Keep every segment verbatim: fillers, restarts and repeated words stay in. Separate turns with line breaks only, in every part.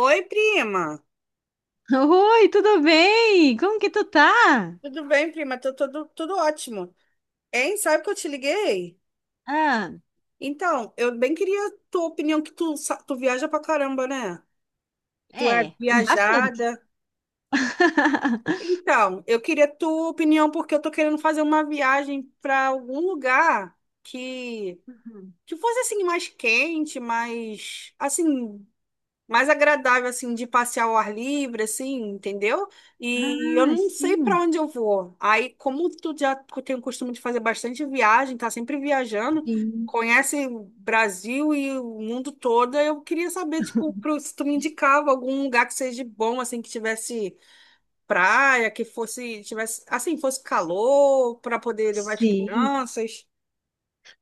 Oi, prima.
Oi, tudo bem? Como que tu tá?
Tudo bem, prima? Tô, tudo, tudo ótimo. Hein? Sabe que eu te liguei?
Ah,
Então, eu bem queria tua opinião, que tu, sa- tu viaja pra caramba, né? Tu é
é, bastante.
viajada. Então, eu queria tua opinião, porque eu tô querendo fazer uma viagem pra algum lugar que,
Uhum.
que fosse, assim, mais quente, mais, assim, mais agradável, assim, de passear ao ar livre, assim, entendeu? E eu
Ah,
não sei para
sim,
onde eu vou. Aí, como tu já tem o costume de fazer bastante viagem, tá sempre viajando,
sim,
conhece o Brasil e o mundo todo, eu queria saber, tipo, pro- se tu me indicava algum lugar que seja bom, assim, que tivesse praia, que fosse, tivesse, assim, fosse calor, para poder levar as
sim.
crianças.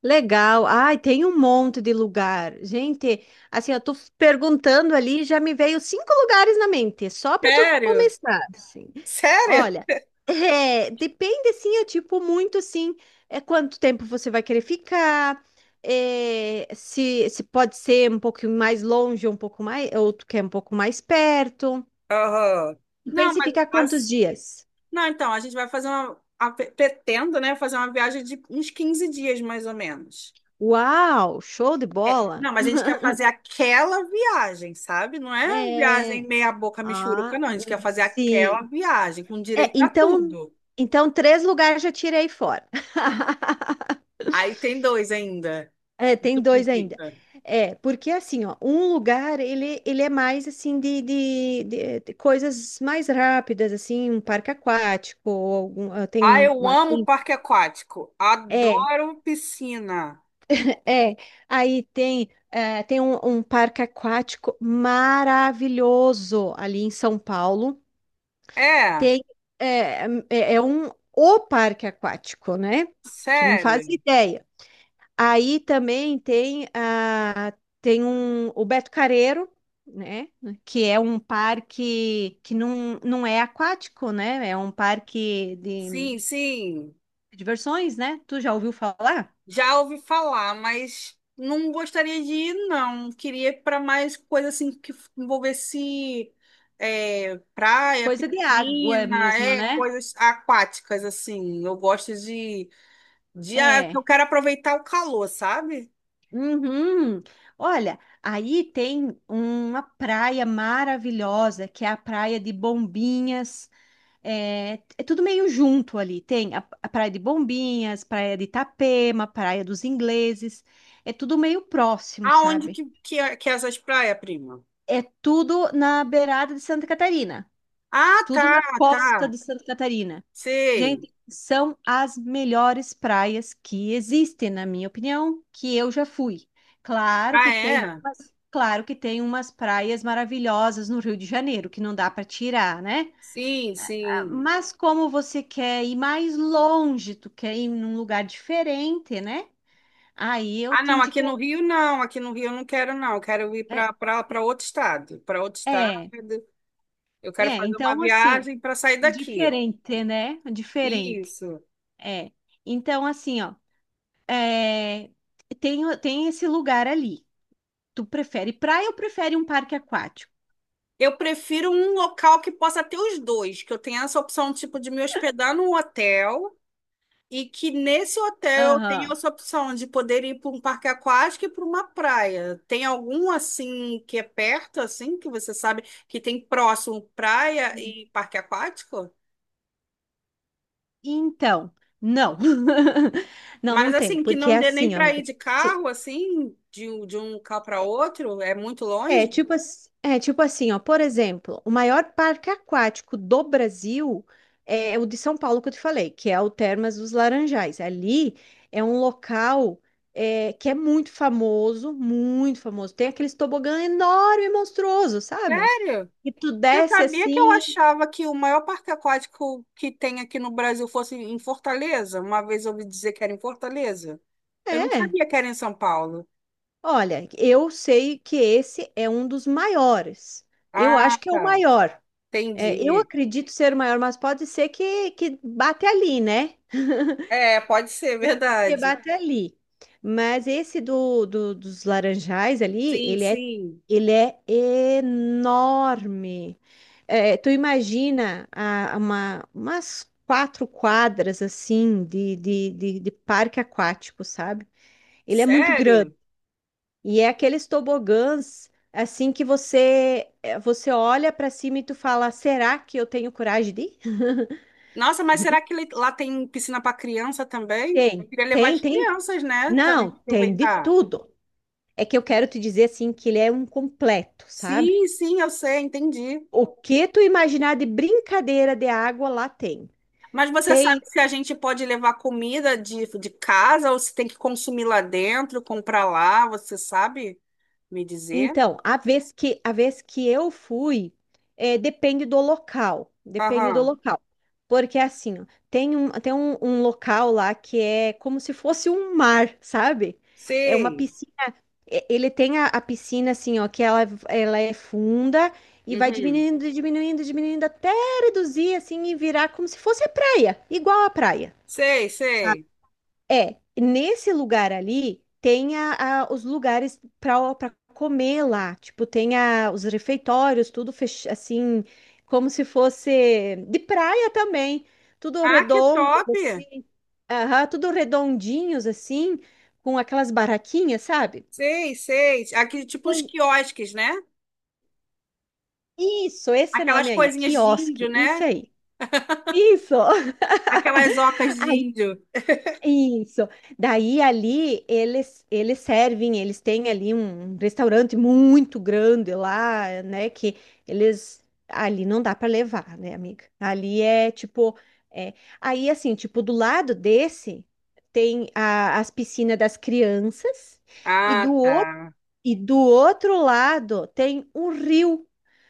Legal. Ai, tem um monte de lugar. Gente, assim, eu tô perguntando ali, já me veio cinco lugares na mente, só para tu
Sério?
começar, assim.
Sério?
Olha, é, depende, sim, é tipo muito, sim, é quanto tempo você vai querer ficar, é, se, se pode ser um pouquinho mais longe, um pouco mais, ou tu quer um pouco mais perto.
Aham.
Tu
Não,
pensa em ficar quantos
mas
dias?
Não, então, a gente vai fazer uma. A- pe- pretendo, né, fazer uma viagem de uns quinze dias, mais ou menos.
Uau, show de
É.
bola.
Não, mas a gente quer fazer aquela viagem, sabe? Não é uma viagem
É,
meia boca mixuruca,
ah,
não. A gente quer fazer aquela
sim.
viagem, com
É,
direito a
então,
tudo.
então três lugares já tirei fora.
Aí tem dois ainda.
É,
E
tem
tu com
dois ainda. É, porque assim, ó, um lugar ele, ele é mais assim de, de, de- de coisas mais rápidas, assim, um parque aquático, ou algum, ah, tem
Ah, eu
uma,
amo
assim,
parque aquático.
é,
Adoro piscina.
é. Aí tem, eh, tem um, um parque aquático maravilhoso ali em São Paulo.
É,
Tem, é, é é um o parque aquático, né? Tu não faz
sério.
ideia. Aí também tem, a, tem um, o Beto Carreiro, né? Que é um parque que não, não é aquático, né? É um parque de
Sim, sim.
diversões, né? Tu já ouviu falar?
Já ouvi falar, mas não gostaria de ir, não. Queria ir para mais coisa assim que envolvesse é, praia,
Coisa de água
piscina,
mesmo,
é,
né?
coisas aquáticas, assim. Eu gosto de, de. Ah, Eu
É.
quero aproveitar o calor, sabe?
Uhum. Olha, aí tem uma praia maravilhosa, que é a praia de Bombinhas. É, é tudo meio junto ali. Tem a, a Praia de Bombinhas, Praia de Itapema, Praia dos Ingleses. É tudo meio próximo,
Aonde
sabe?
que, que, é- que é essas praias, prima?
É tudo na beirada de Santa Catarina.
Ah,
Tudo na
tá,
costa
tá.
de Santa Catarina.
Sei.
Gente, são as melhores praias que existem, na minha opinião, que eu já fui. Claro que
Ah,
tem
é?
umas, claro que tem umas praias maravilhosas no Rio de Janeiro, que não dá para tirar, né?
Sim, sim.
Mas como você quer ir mais longe, tu quer ir num lugar diferente, né? Aí eu
Ah,
te
não, aqui no
indicaria.
Rio não, aqui no Rio eu não quero, não. Eu quero ir para
É,
para outro estado, para outro estado.
é,
Eu quero
é,
fazer uma
então assim,
viagem para sair daqui.
diferente, né? Diferente.
Isso.
É. Então, assim, ó, é, tem, o- tem esse lugar ali. Tu prefere praia ou prefere um parque aquático?
Eu prefiro um local que possa ter os dois, que eu tenha essa opção, tipo, de me hospedar num hotel e que nesse hotel eu tenha
Aham.
essa opção de poder ir para um parque aquático e para uma praia. Tem algum, assim, que é perto, assim, que você sabe que tem próximo praia
Sim.
e parque aquático?
Então, não. Não, não
Mas,
tem,
assim, que
porque é
não dê nem
assim, ó,
para ir
amiga.
de carro, assim, de, um- de um carro para outro, é muito
É
longe?
tipo, ass- é tipo assim, ó, por exemplo, o maior parque aquático do Brasil é o de São Paulo que eu te falei, que é o Termas dos Laranjais. Ali é um local é, que é muito famoso, muito famoso. Tem aqueles tobogã enorme e monstruoso, sabe?
Sério?
E tu
Você
desce
sabia que eu
assim,
achava que o maior parque aquático que tem aqui no Brasil fosse em Fortaleza? Uma vez eu ouvi dizer que era em Fortaleza. Eu não
é.
sabia que era em São Paulo.
Olha, eu sei que esse é um dos maiores. Eu
Ah,
acho que é o
tá.
maior. É, eu
Entendi.
acredito ser o maior, mas pode ser que, que bate ali, né?
É, pode ser,
Que
verdade.
bate ali. Mas esse do, do- dos laranjais ali,
Sim,
ele é,
sim.
ele é enorme. É, tu imagina a- uma, umas quatro quadras assim de, de, de, de parque aquático, sabe? Ele é muito grande.
Sério?
E é aqueles tobogãs assim que você é, você olha para cima e tu fala, será que eu tenho coragem de ir?
Nossa, mas será que ele- lá tem piscina para criança também?
Tem,
Queria levar
tem,
as
tem.
crianças, né? Também
Não,
para
tem de
aproveitar.
tudo. É que eu quero te dizer assim que ele é um completo, sabe?
Sim, sim, eu sei, entendi.
O que tu imaginar de brincadeira de água lá tem.
Mas você
Tem,
sabe se a gente pode levar comida de, de casa ou se tem que consumir lá dentro, comprar lá, você sabe me dizer?
então, a vez que a vez que eu fui, é, depende do local, depende do
Aham.
local. Porque assim, ó, tem um, tem um, um local lá que é como se fosse um mar, sabe? É uma
Sei.
piscina. E- Ele tem a, a piscina assim, ó, que ela, ela é funda e vai
Uhum.
diminuindo, diminuindo, diminuindo até reduzir assim e virar como se fosse a praia, igual a praia,
Sei,
sabe?
sei.
É, nesse lugar ali tem a, a- os lugares para para comer lá, tipo, tem a, os refeitórios, tudo fech, assim, como se fosse de praia também, tudo
Ah, que
redondo
top!
assim, aham, tudo redondinhos assim, com aquelas barraquinhas, sabe?
Sei, sei. Aqui, tipo os
Pois
quiosques, né?
isso, esse
Aquelas
nome aí,
coisinhas de
quiosque,
índio,
isso
né?
aí. Isso.
Aquelas ocas de
Aí,
índio.
isso. Daí ali eles eles servem, eles têm ali um um restaurante muito grande lá, né, que eles ali não dá para levar, né, amiga? Ali é tipo é, aí assim, tipo do lado desse tem a- as piscinas das crianças e do
Ah,
outro
tá.
e do outro lado tem um rio,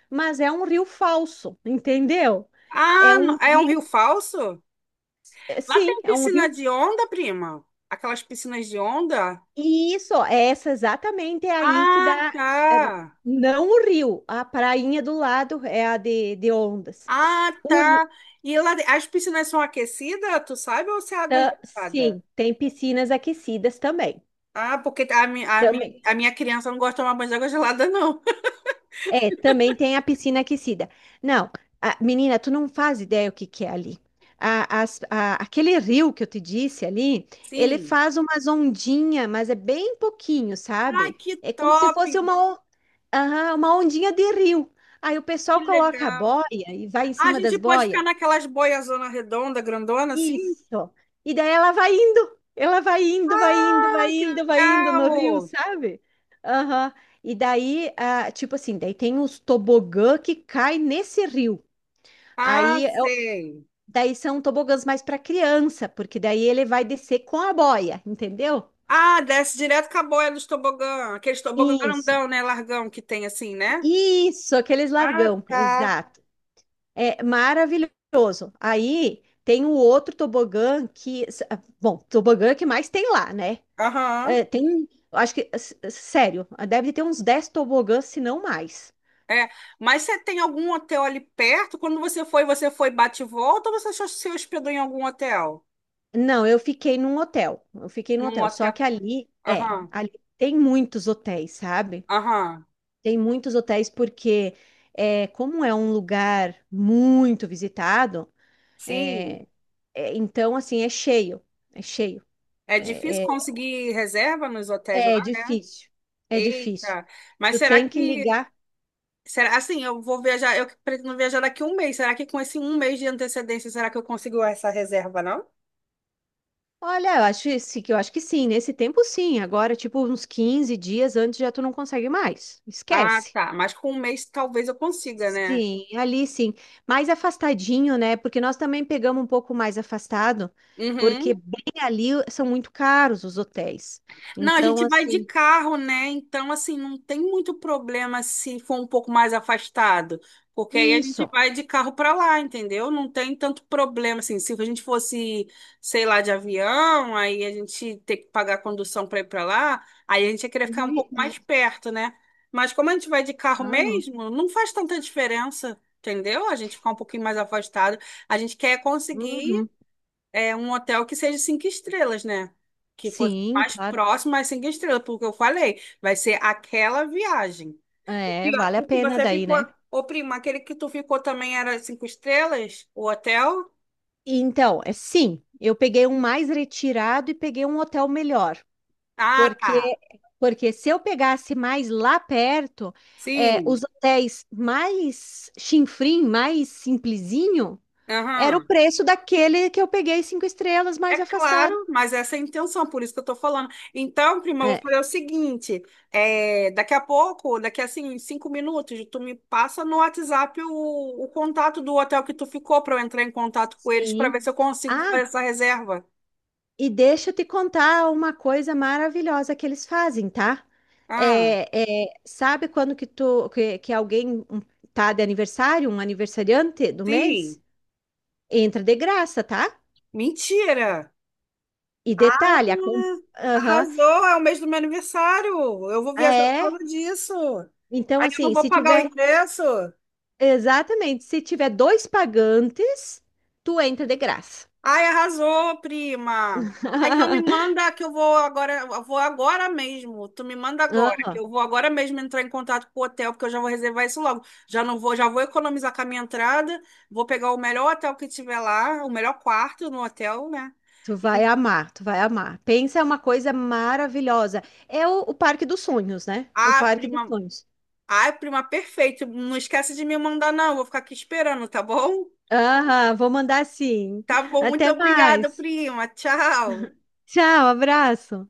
mas é um rio falso, entendeu? É
Ah,
um
no- é um rio
rio,
falso?
é,
Lá
sim,
tem
é um rio.
piscina de onda, prima? Aquelas piscinas de onda?
E isso, é essa exatamente é aí que
Ah,
dá, é,
tá.
não o rio, a prainha do lado é a de, de ondas.
Ah,
O,
tá. E lá, de- as piscinas são aquecidas, tu sabe, ou se é água
tá,
gelada?
sim, tem piscinas aquecidas também,
Ah, porque a, mi- a, mi-
também.
a minha criança não gosta de tomar banho de água gelada, não.
É, também tem a piscina aquecida. Não, a- menina, tu não faz ideia o que que é ali. A- as- a- aquele rio que eu te disse ali, ele
Sim.
faz umas ondinhas, mas é bem pouquinho,
Ai,
sabe?
que
É como se
top!
fosse uma, on- aham, uma ondinha de rio. Aí o
Que
pessoal coloca a
legal.
boia e vai em
Ah, a
cima
gente
das
pode ficar
boias.
naquelas boias zona redonda, grandona, assim?
Isso. E daí ela vai indo, ela vai indo, vai indo,
Ah,
vai
que
indo, vai indo no rio,
legal!
sabe? Aham. E daí, ah, tipo assim, daí tem os tobogã que cai nesse rio.
Ah,
Aí, eu-
sei.
daí são tobogãs mais para criança, porque daí ele vai descer com a boia, entendeu?
Ah, desce direto com a boia dos tobogã. Aqueles tobogã
Isso,
grandão, né? Largão que tem assim, né?
isso, aqueles
Ah,
largão,
tá.
exato. É maravilhoso. Aí tem o outro tobogã que, bom, tobogã que mais tem lá, né?
Aham.
É, tem, um, acho que, s- sério, deve ter uns dez tobogãs, se não mais.
É, mas você tem algum hotel ali perto? Quando você foi, você foi bate e volta ou você só se hospedou em algum hotel?
Não, eu fiquei num hotel. Eu fiquei num
Num
hotel. Só
hotel.
que ali, é,
Aham,
ali tem muitos hotéis, sabe?
aham.
Tem muitos hotéis porque, é, como é um lugar muito visitado,
Sim.
é, então, assim, é cheio. É cheio.
É difícil
É,
conseguir reserva nos hotéis lá.
é, é difícil. É difícil.
Eita, mas
Tu
será
tem que
que.
ligar.
Será, assim, eu vou viajar, eu pretendo viajar daqui a um mês. Será que com esse um mês de antecedência, será que eu consigo essa reserva, não?
Olha, eu acho esse- que eu acho que sim, nesse tempo sim. Agora, tipo, uns quinze dias antes já tu não consegue mais.
Ah,
Esquece.
tá. Mas com um mês talvez eu consiga, né?
Sim, ali sim. Mais afastadinho, né? Porque nós também pegamos um pouco mais afastado, porque
Uhum.
bem ali são muito caros os hotéis.
Não, a
Então,
gente vai de
assim,
carro, né? Então, assim, não tem muito problema se for um pouco mais afastado, porque aí a gente
isso.
vai de carro para lá, entendeu? Não tem tanto problema, assim, se a gente fosse, sei lá, de avião, aí a gente ter que pagar a condução para ir para lá, aí a gente ia querer ficar um
Vi-
pouco mais perto, né? Mas como a gente vai de carro
Aham,
mesmo, não faz tanta diferença, entendeu? A gente ficar um pouquinho mais afastado. A gente quer conseguir
uhum.
é um hotel que seja cinco estrelas, né? Que fosse
Sim,
mais
claro.
próximo às cinco estrelas, porque eu falei, vai ser aquela viagem. O
É,
que
vale a
o que
pena
você
daí,
ficou,
né?
ô primo, aquele que tu ficou também era cinco estrelas? O hotel?
Então, é sim, eu peguei um mais retirado e peguei um hotel melhor,
Ah,
porque
tá.
porque se eu pegasse mais lá perto, é, os
Sim.
hotéis mais chinfrim, mais simplesinho. Era o
Aham.
preço daquele que eu peguei cinco estrelas
É
mais afastado.
claro, mas essa é a intenção, por isso que eu tô falando. Então, prima, eu
É,
vou fazer o seguinte: é, daqui a pouco, daqui a assim, cinco minutos, tu me passa no WhatsApp o, o contato do hotel que tu ficou para eu entrar em contato com eles para
sim.
ver se eu consigo fazer
Ah,
essa reserva.
e deixa eu te contar uma coisa maravilhosa que eles fazem, tá?
Ah,
É, é, sabe quando que tu que, que alguém um, tá de aniversário, um aniversariante do mês?
sim.
Entra de graça, tá?
Mentira!
E
Ah,
detalhe, a com- Aham,
Arrasou, é o mês do meu aniversário. Eu vou viajar por
é.
causa disso.
Então,
Aí eu não
assim,
vou
se
pagar o
tiver,
ingresso.
exatamente, se tiver dois pagantes, tu entra de graça.
Ai, arrasou, prima. Ah, Então me manda que eu vou agora, eu vou agora mesmo. Tu me manda agora, que
Aham.
eu vou agora mesmo entrar em contato com o hotel, porque eu já vou reservar isso logo. Já não vou, já vou economizar com a minha entrada, vou pegar o melhor hotel que tiver lá, o melhor quarto no hotel, né?
Tu vai
E,
amar, tu vai amar. Pensa, é uma coisa maravilhosa. É o, o Parque dos Sonhos, né? O
ah,
Parque dos
prima,
Sonhos.
ah, prima, perfeito. Não esquece de me mandar, não. Vou ficar aqui esperando, tá bom?
Aham, vou mandar sim.
Tá bom, muito
Até
obrigada,
mais.
prima. Tchau.
Tchau, abraço.